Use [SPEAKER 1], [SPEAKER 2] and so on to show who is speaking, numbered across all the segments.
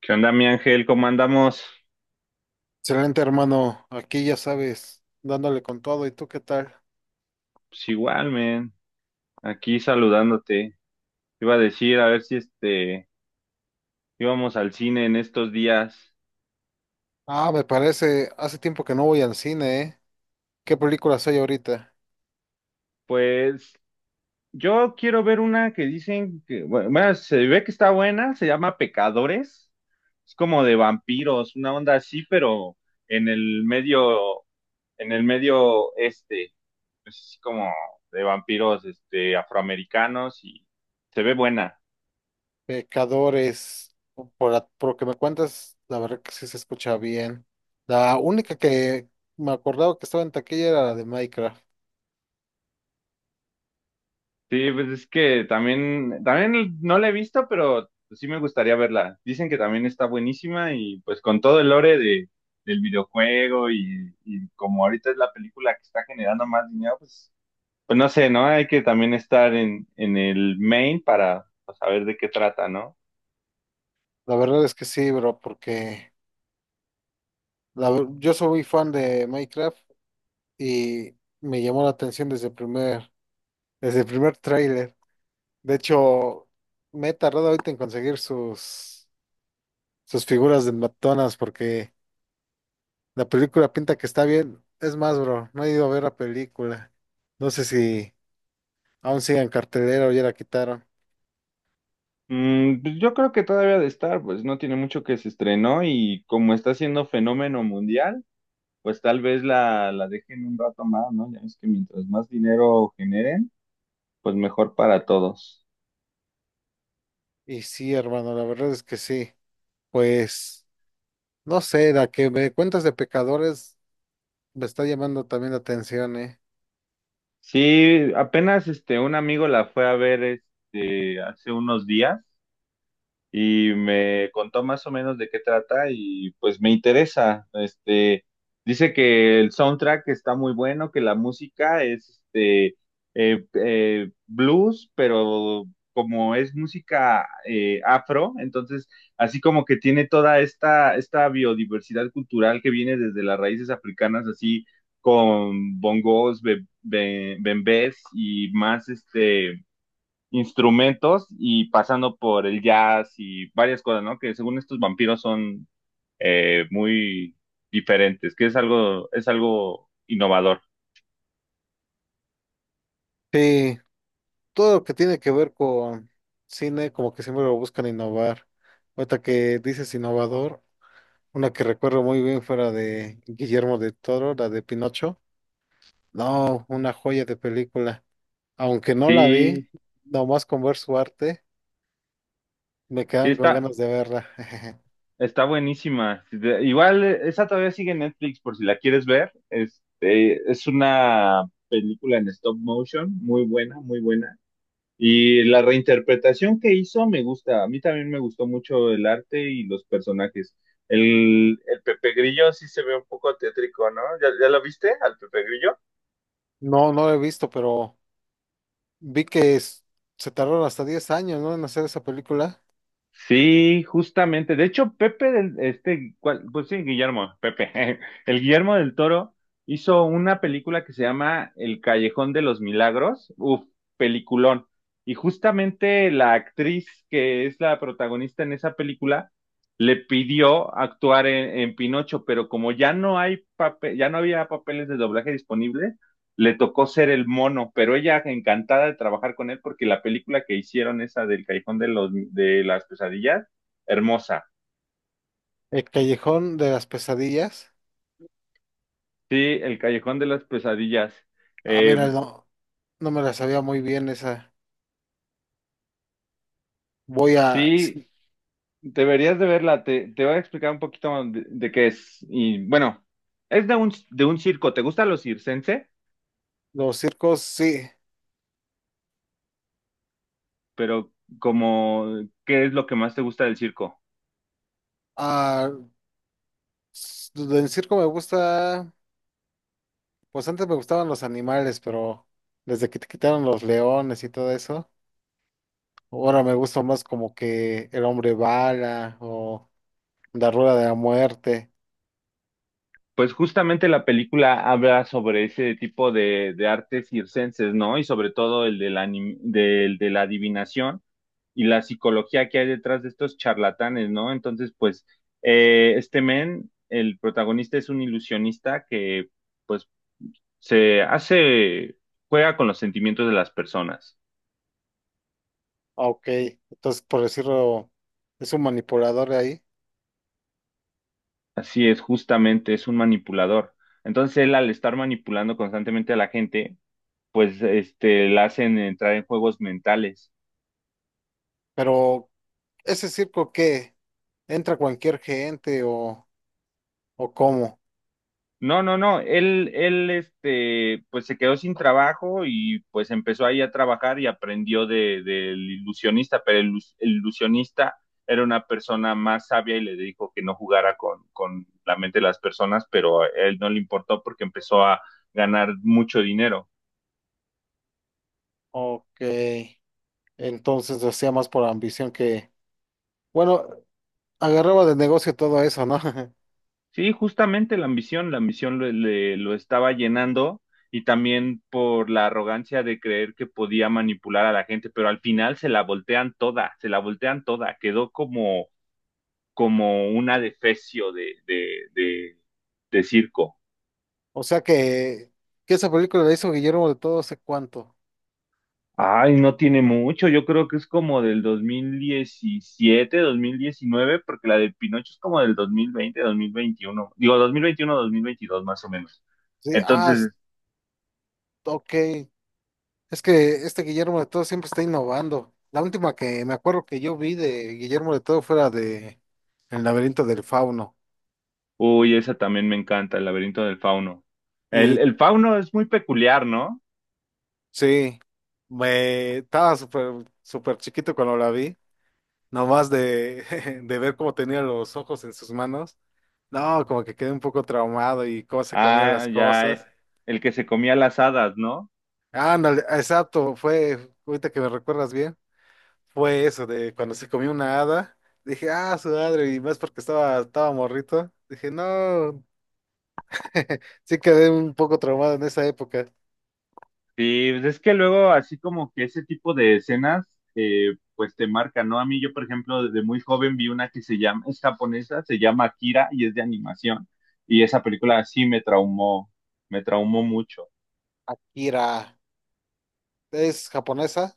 [SPEAKER 1] ¿Qué onda, mi Ángel? ¿Cómo andamos?
[SPEAKER 2] Excelente, hermano. Aquí ya sabes, dándole con todo. ¿Y tú qué tal?
[SPEAKER 1] Pues igual, man. Aquí saludándote. Te iba a decir, a ver si íbamos al cine en estos días.
[SPEAKER 2] Ah, me parece, hace tiempo que no voy al cine, ¿eh? ¿Qué películas hay ahorita?
[SPEAKER 1] Pues yo quiero ver una que dicen que, bueno, bueno, se ve que está buena, se llama Pecadores. Es como de vampiros, una onda así, pero en el medio, en el medio, es como de vampiros afroamericanos y se ve buena.
[SPEAKER 2] Pecadores, por, por lo que me cuentas, la verdad que sí se escucha bien. La única que me acordaba que estaba en taquilla era la de Minecraft.
[SPEAKER 1] Sí, pues es que también no la he visto, pero pues sí me gustaría verla. Dicen que también está buenísima y pues con todo el lore del videojuego y como ahorita es la película que está generando más dinero, pues, pues no sé, ¿no? Hay que también estar en, el main para pues, saber de qué trata, ¿no?
[SPEAKER 2] La verdad es que sí, bro, porque yo soy muy fan de Minecraft y me llamó la atención desde el primer tráiler. De hecho, me he tardado ahorita en conseguir sus figuras de McDonald's porque la película pinta que está bien. Es más, bro, no he ido a ver la película. No sé si aún sigue en cartelera o ya la quitaron.
[SPEAKER 1] Pues yo creo que todavía de estar, pues no tiene mucho que se estrenó y como está siendo fenómeno mundial, pues tal vez la dejen un rato más, ¿no? Ya ves que mientras más dinero generen, pues mejor para todos.
[SPEAKER 2] Y sí, hermano, la verdad es que sí. Pues, no sé, la que me cuentas de pecadores me está llamando también la atención, ¿eh?
[SPEAKER 1] Sí, apenas un amigo la fue a ver hace unos días y me contó más o menos de qué trata y pues me interesa. Dice que el soundtrack está muy bueno, que la música es blues, pero como es música afro, entonces así como que tiene toda esta, esta biodiversidad cultural que viene desde las raíces africanas, así con bongos, bembés y más instrumentos y pasando por el jazz y varias cosas, ¿no? Que según estos vampiros son muy diferentes, que es algo innovador.
[SPEAKER 2] Sí, todo lo que tiene que ver con cine, como que siempre lo buscan innovar. Ahorita que dices innovador. Una que recuerdo muy bien fue la de Guillermo del Toro, la de Pinocho. No, una joya de película. Aunque no la vi,
[SPEAKER 1] Sí,
[SPEAKER 2] nomás con ver su arte, me
[SPEAKER 1] sí
[SPEAKER 2] quedan con
[SPEAKER 1] está,
[SPEAKER 2] ganas de verla.
[SPEAKER 1] está buenísima. Igual, esa todavía sigue en Netflix por si la quieres ver. Es una película en stop motion, muy buena, muy buena. Y la reinterpretación que hizo me gusta. A mí también me gustó mucho el arte y los personajes. El Pepe Grillo sí se ve un poco tétrico, ¿no? ¿Ya lo viste al Pepe Grillo?
[SPEAKER 2] No, no la he visto, pero vi que es- se tardaron hasta 10 años, ¿no?, en hacer esa película.
[SPEAKER 1] Sí, justamente. De hecho, Pepe del, ¿cuál? Pues sí, Guillermo, Pepe. El Guillermo del Toro hizo una película que se llama El Callejón de los Milagros. Uf, peliculón. Y justamente la actriz que es la protagonista en esa película le pidió actuar en Pinocho, pero como ya no hay papel, ya no había papeles de doblaje disponibles, le tocó ser el mono, pero ella encantada de trabajar con él porque la película que hicieron, esa del Callejón de las Pesadillas, hermosa.
[SPEAKER 2] El Callejón de las Pesadillas.
[SPEAKER 1] Sí, el Callejón de las Pesadillas.
[SPEAKER 2] Ah, mira,
[SPEAKER 1] Eh,
[SPEAKER 2] no, no me la sabía muy bien esa. Voy a...
[SPEAKER 1] sí,
[SPEAKER 2] sí.
[SPEAKER 1] deberías de verla, te, voy a explicar un poquito de, qué es. Y bueno, es de un circo, ¿te gusta lo circense?
[SPEAKER 2] Los circos, sí.
[SPEAKER 1] Pero como, ¿qué es lo que más te gusta del circo?
[SPEAKER 2] Ah, en circo me gusta... Pues antes me gustaban los animales, pero desde que te quitaron los leones y todo eso, ahora me gusta más como que el hombre bala o la rueda de la muerte.
[SPEAKER 1] Pues justamente la película habla sobre ese tipo de artes circenses, ¿no? Y sobre todo el de de la adivinación y la psicología que hay detrás de estos charlatanes, ¿no? Entonces, pues, men, el protagonista es un ilusionista que, pues, se hace, juega con los sentimientos de las personas.
[SPEAKER 2] Ah, ok, entonces por decirlo, es un manipulador ahí,
[SPEAKER 1] Así es, justamente, es un manipulador. Entonces, él al estar manipulando constantemente a la gente, pues, la hacen entrar en juegos mentales.
[SPEAKER 2] pero ese circo que entra cualquier gente o cómo.
[SPEAKER 1] No, no, no, él, pues se quedó sin trabajo y pues empezó ahí a trabajar y aprendió del ilusionista, pero el ilusionista era una persona más sabia y le dijo que no jugara con, la mente de las personas, pero a él no le importó porque empezó a ganar mucho dinero.
[SPEAKER 2] Ok, entonces lo hacía más por ambición que, bueno, agarraba de negocio todo eso, ¿no?
[SPEAKER 1] Sí, justamente la ambición lo estaba llenando y también por la arrogancia de creer que podía manipular a la gente, pero al final se la voltean toda, se la voltean toda, quedó como una defecio de circo.
[SPEAKER 2] O sea que esa película la hizo Guillermo de Todo hace cuánto.
[SPEAKER 1] Ay, no tiene mucho, yo creo que es como del dos mil diecisiete, 2019, porque la del Pinocho es como del dos mil veinte, 2021, digo dos mil veintiuno, 2022 más o menos.
[SPEAKER 2] Sí, ah, s-
[SPEAKER 1] Entonces,
[SPEAKER 2] ok. Es que este Guillermo de Todo siempre está innovando. La última que me acuerdo que yo vi de Guillermo de Todo fue la de El laberinto del fauno.
[SPEAKER 1] uy, esa también me encanta, el laberinto del fauno.
[SPEAKER 2] Y
[SPEAKER 1] El,
[SPEAKER 2] ok.
[SPEAKER 1] el fauno es muy peculiar, ¿no?
[SPEAKER 2] Sí, me estaba súper súper chiquito cuando la vi, nomás de, de ver cómo tenía los ojos en sus manos. No, como que quedé un poco traumado y cómo se comía
[SPEAKER 1] Ah,
[SPEAKER 2] las
[SPEAKER 1] ya,
[SPEAKER 2] cosas.
[SPEAKER 1] el que se comía las hadas, ¿no?
[SPEAKER 2] Ándale, exacto, fue ahorita que me recuerdas bien. Fue eso, de cuando se comió una hada, dije, ah, su madre, y más porque estaba, estaba morrito, dije, no, sí quedé un poco traumado en esa época.
[SPEAKER 1] Sí, pues es que luego así como que ese tipo de escenas, pues te marcan, ¿no? A mí yo, por ejemplo, desde muy joven vi una que se llama, es japonesa, se llama Akira y es de animación. Y esa película sí me traumó mucho.
[SPEAKER 2] Akira, ¿es japonesa?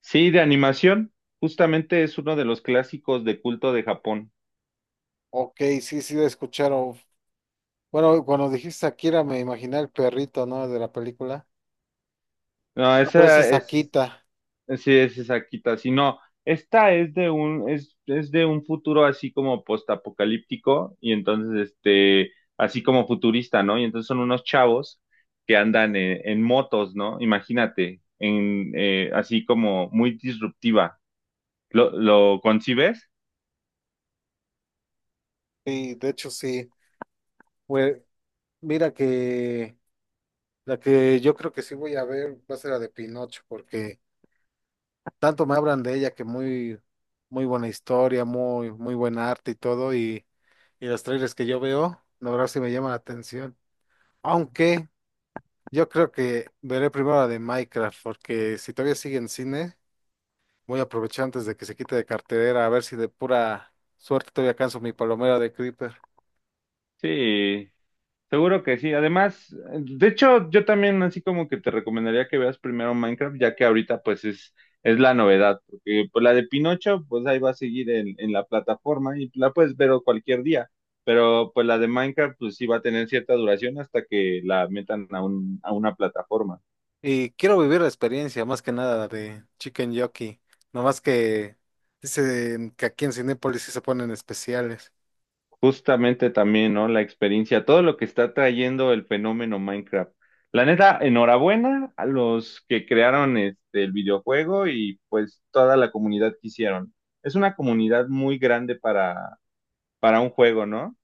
[SPEAKER 1] Sí, de animación, justamente es uno de los clásicos de culto de Japón.
[SPEAKER 2] Ok, sí, sí, la escucharon. Bueno, cuando dijiste Akira me imaginé el perrito, ¿no?, de la película.
[SPEAKER 1] No,
[SPEAKER 2] Ah, pero esa
[SPEAKER 1] esa
[SPEAKER 2] es
[SPEAKER 1] es.
[SPEAKER 2] Akita,
[SPEAKER 1] Sí, es exactita, si no, esta es de un futuro así como postapocalíptico, y entonces este, así como futurista, ¿no? Y entonces son unos chavos que andan en, motos, ¿no? Imagínate, en así como muy disruptiva. ¿Lo concibes?
[SPEAKER 2] sí, de hecho sí. Pues, mira que la que yo creo que sí voy a ver va a ser la de Pinocho, porque... tanto me hablan de ella que muy, muy buena historia, muy, muy buen arte y todo, y los trailers que yo veo, la verdad sí me llaman la atención. Aunque yo creo que veré primero la de Minecraft, porque si todavía sigue en cine, voy a aprovechar antes de que se quite de cartelera, a ver si de pura suerte todavía alcanzo mi palomera de Creeper.
[SPEAKER 1] Sí, seguro que sí. Además, de hecho, yo también así como que te recomendaría que veas primero Minecraft, ya que ahorita pues es, la novedad, porque pues la de Pinocho pues ahí va a seguir en la plataforma y la puedes ver cualquier día, pero pues la de Minecraft pues sí va a tener cierta duración hasta que la metan a a una plataforma.
[SPEAKER 2] Y quiero vivir la experiencia, más que nada, la de Chicken Jockey, nomás que dicen que aquí en Cinépolis sí se ponen especiales.
[SPEAKER 1] Justamente también, ¿no? La experiencia, todo lo que está trayendo el fenómeno Minecraft. La neta, enhorabuena a los que crearon el videojuego y pues toda la comunidad que hicieron. Es una comunidad muy grande para un juego, ¿no?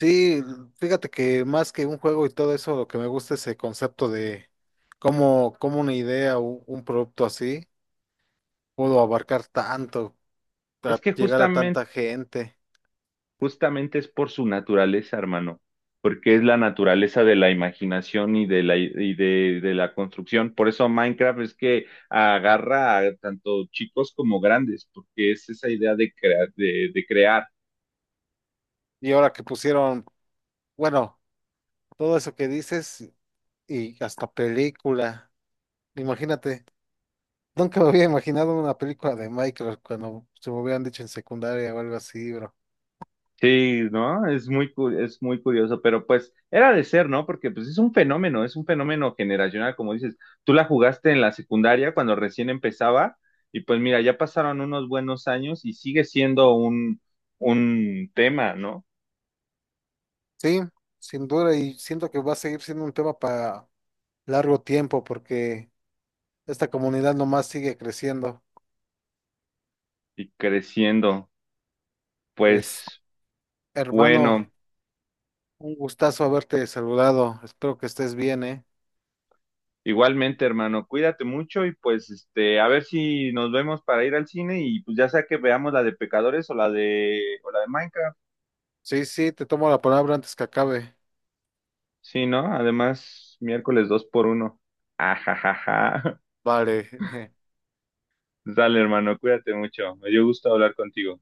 [SPEAKER 2] Sí, fíjate que más que un juego y todo eso, lo que me gusta es el concepto de cómo, cómo una idea o un producto así pudo abarcar tanto,
[SPEAKER 1] Es
[SPEAKER 2] a
[SPEAKER 1] que
[SPEAKER 2] llegar a
[SPEAKER 1] justamente
[SPEAKER 2] tanta gente.
[SPEAKER 1] Justamente es por su naturaleza, hermano, porque es la naturaleza de la imaginación y de la construcción. Por eso Minecraft es que agarra a tanto chicos como grandes, porque es esa idea de crear, de crear.
[SPEAKER 2] Y ahora que pusieron, bueno, todo eso que dices y hasta película. Imagínate, nunca me había imaginado una película de Minecraft cuando se me hubieran dicho en secundaria o algo así, bro.
[SPEAKER 1] Sí, ¿no? Es muy, es muy curioso, pero pues era de ser, ¿no? Porque pues es un fenómeno generacional, como dices. Tú la jugaste en la secundaria cuando recién empezaba y pues mira, ya pasaron unos buenos años y sigue siendo un, tema, ¿no?
[SPEAKER 2] Sí, sin duda, y siento que va a seguir siendo un tema para largo tiempo porque... Esta comunidad nomás sigue creciendo.
[SPEAKER 1] Y creciendo.
[SPEAKER 2] Pues,
[SPEAKER 1] Pues
[SPEAKER 2] hermano,
[SPEAKER 1] bueno,
[SPEAKER 2] un gustazo haberte saludado. Espero que estés bien, ¿eh?
[SPEAKER 1] igualmente, hermano, cuídate mucho y pues este, a ver si nos vemos para ir al cine y pues ya sea que veamos la de Pecadores o la de Minecraft.
[SPEAKER 2] Sí, sí, te tomo la palabra antes que acabe.
[SPEAKER 1] Sí, ¿no? Además, miércoles 2x1. Ajajaja.
[SPEAKER 2] Vale.
[SPEAKER 1] Dale, hermano, cuídate mucho. Me dio gusto hablar contigo.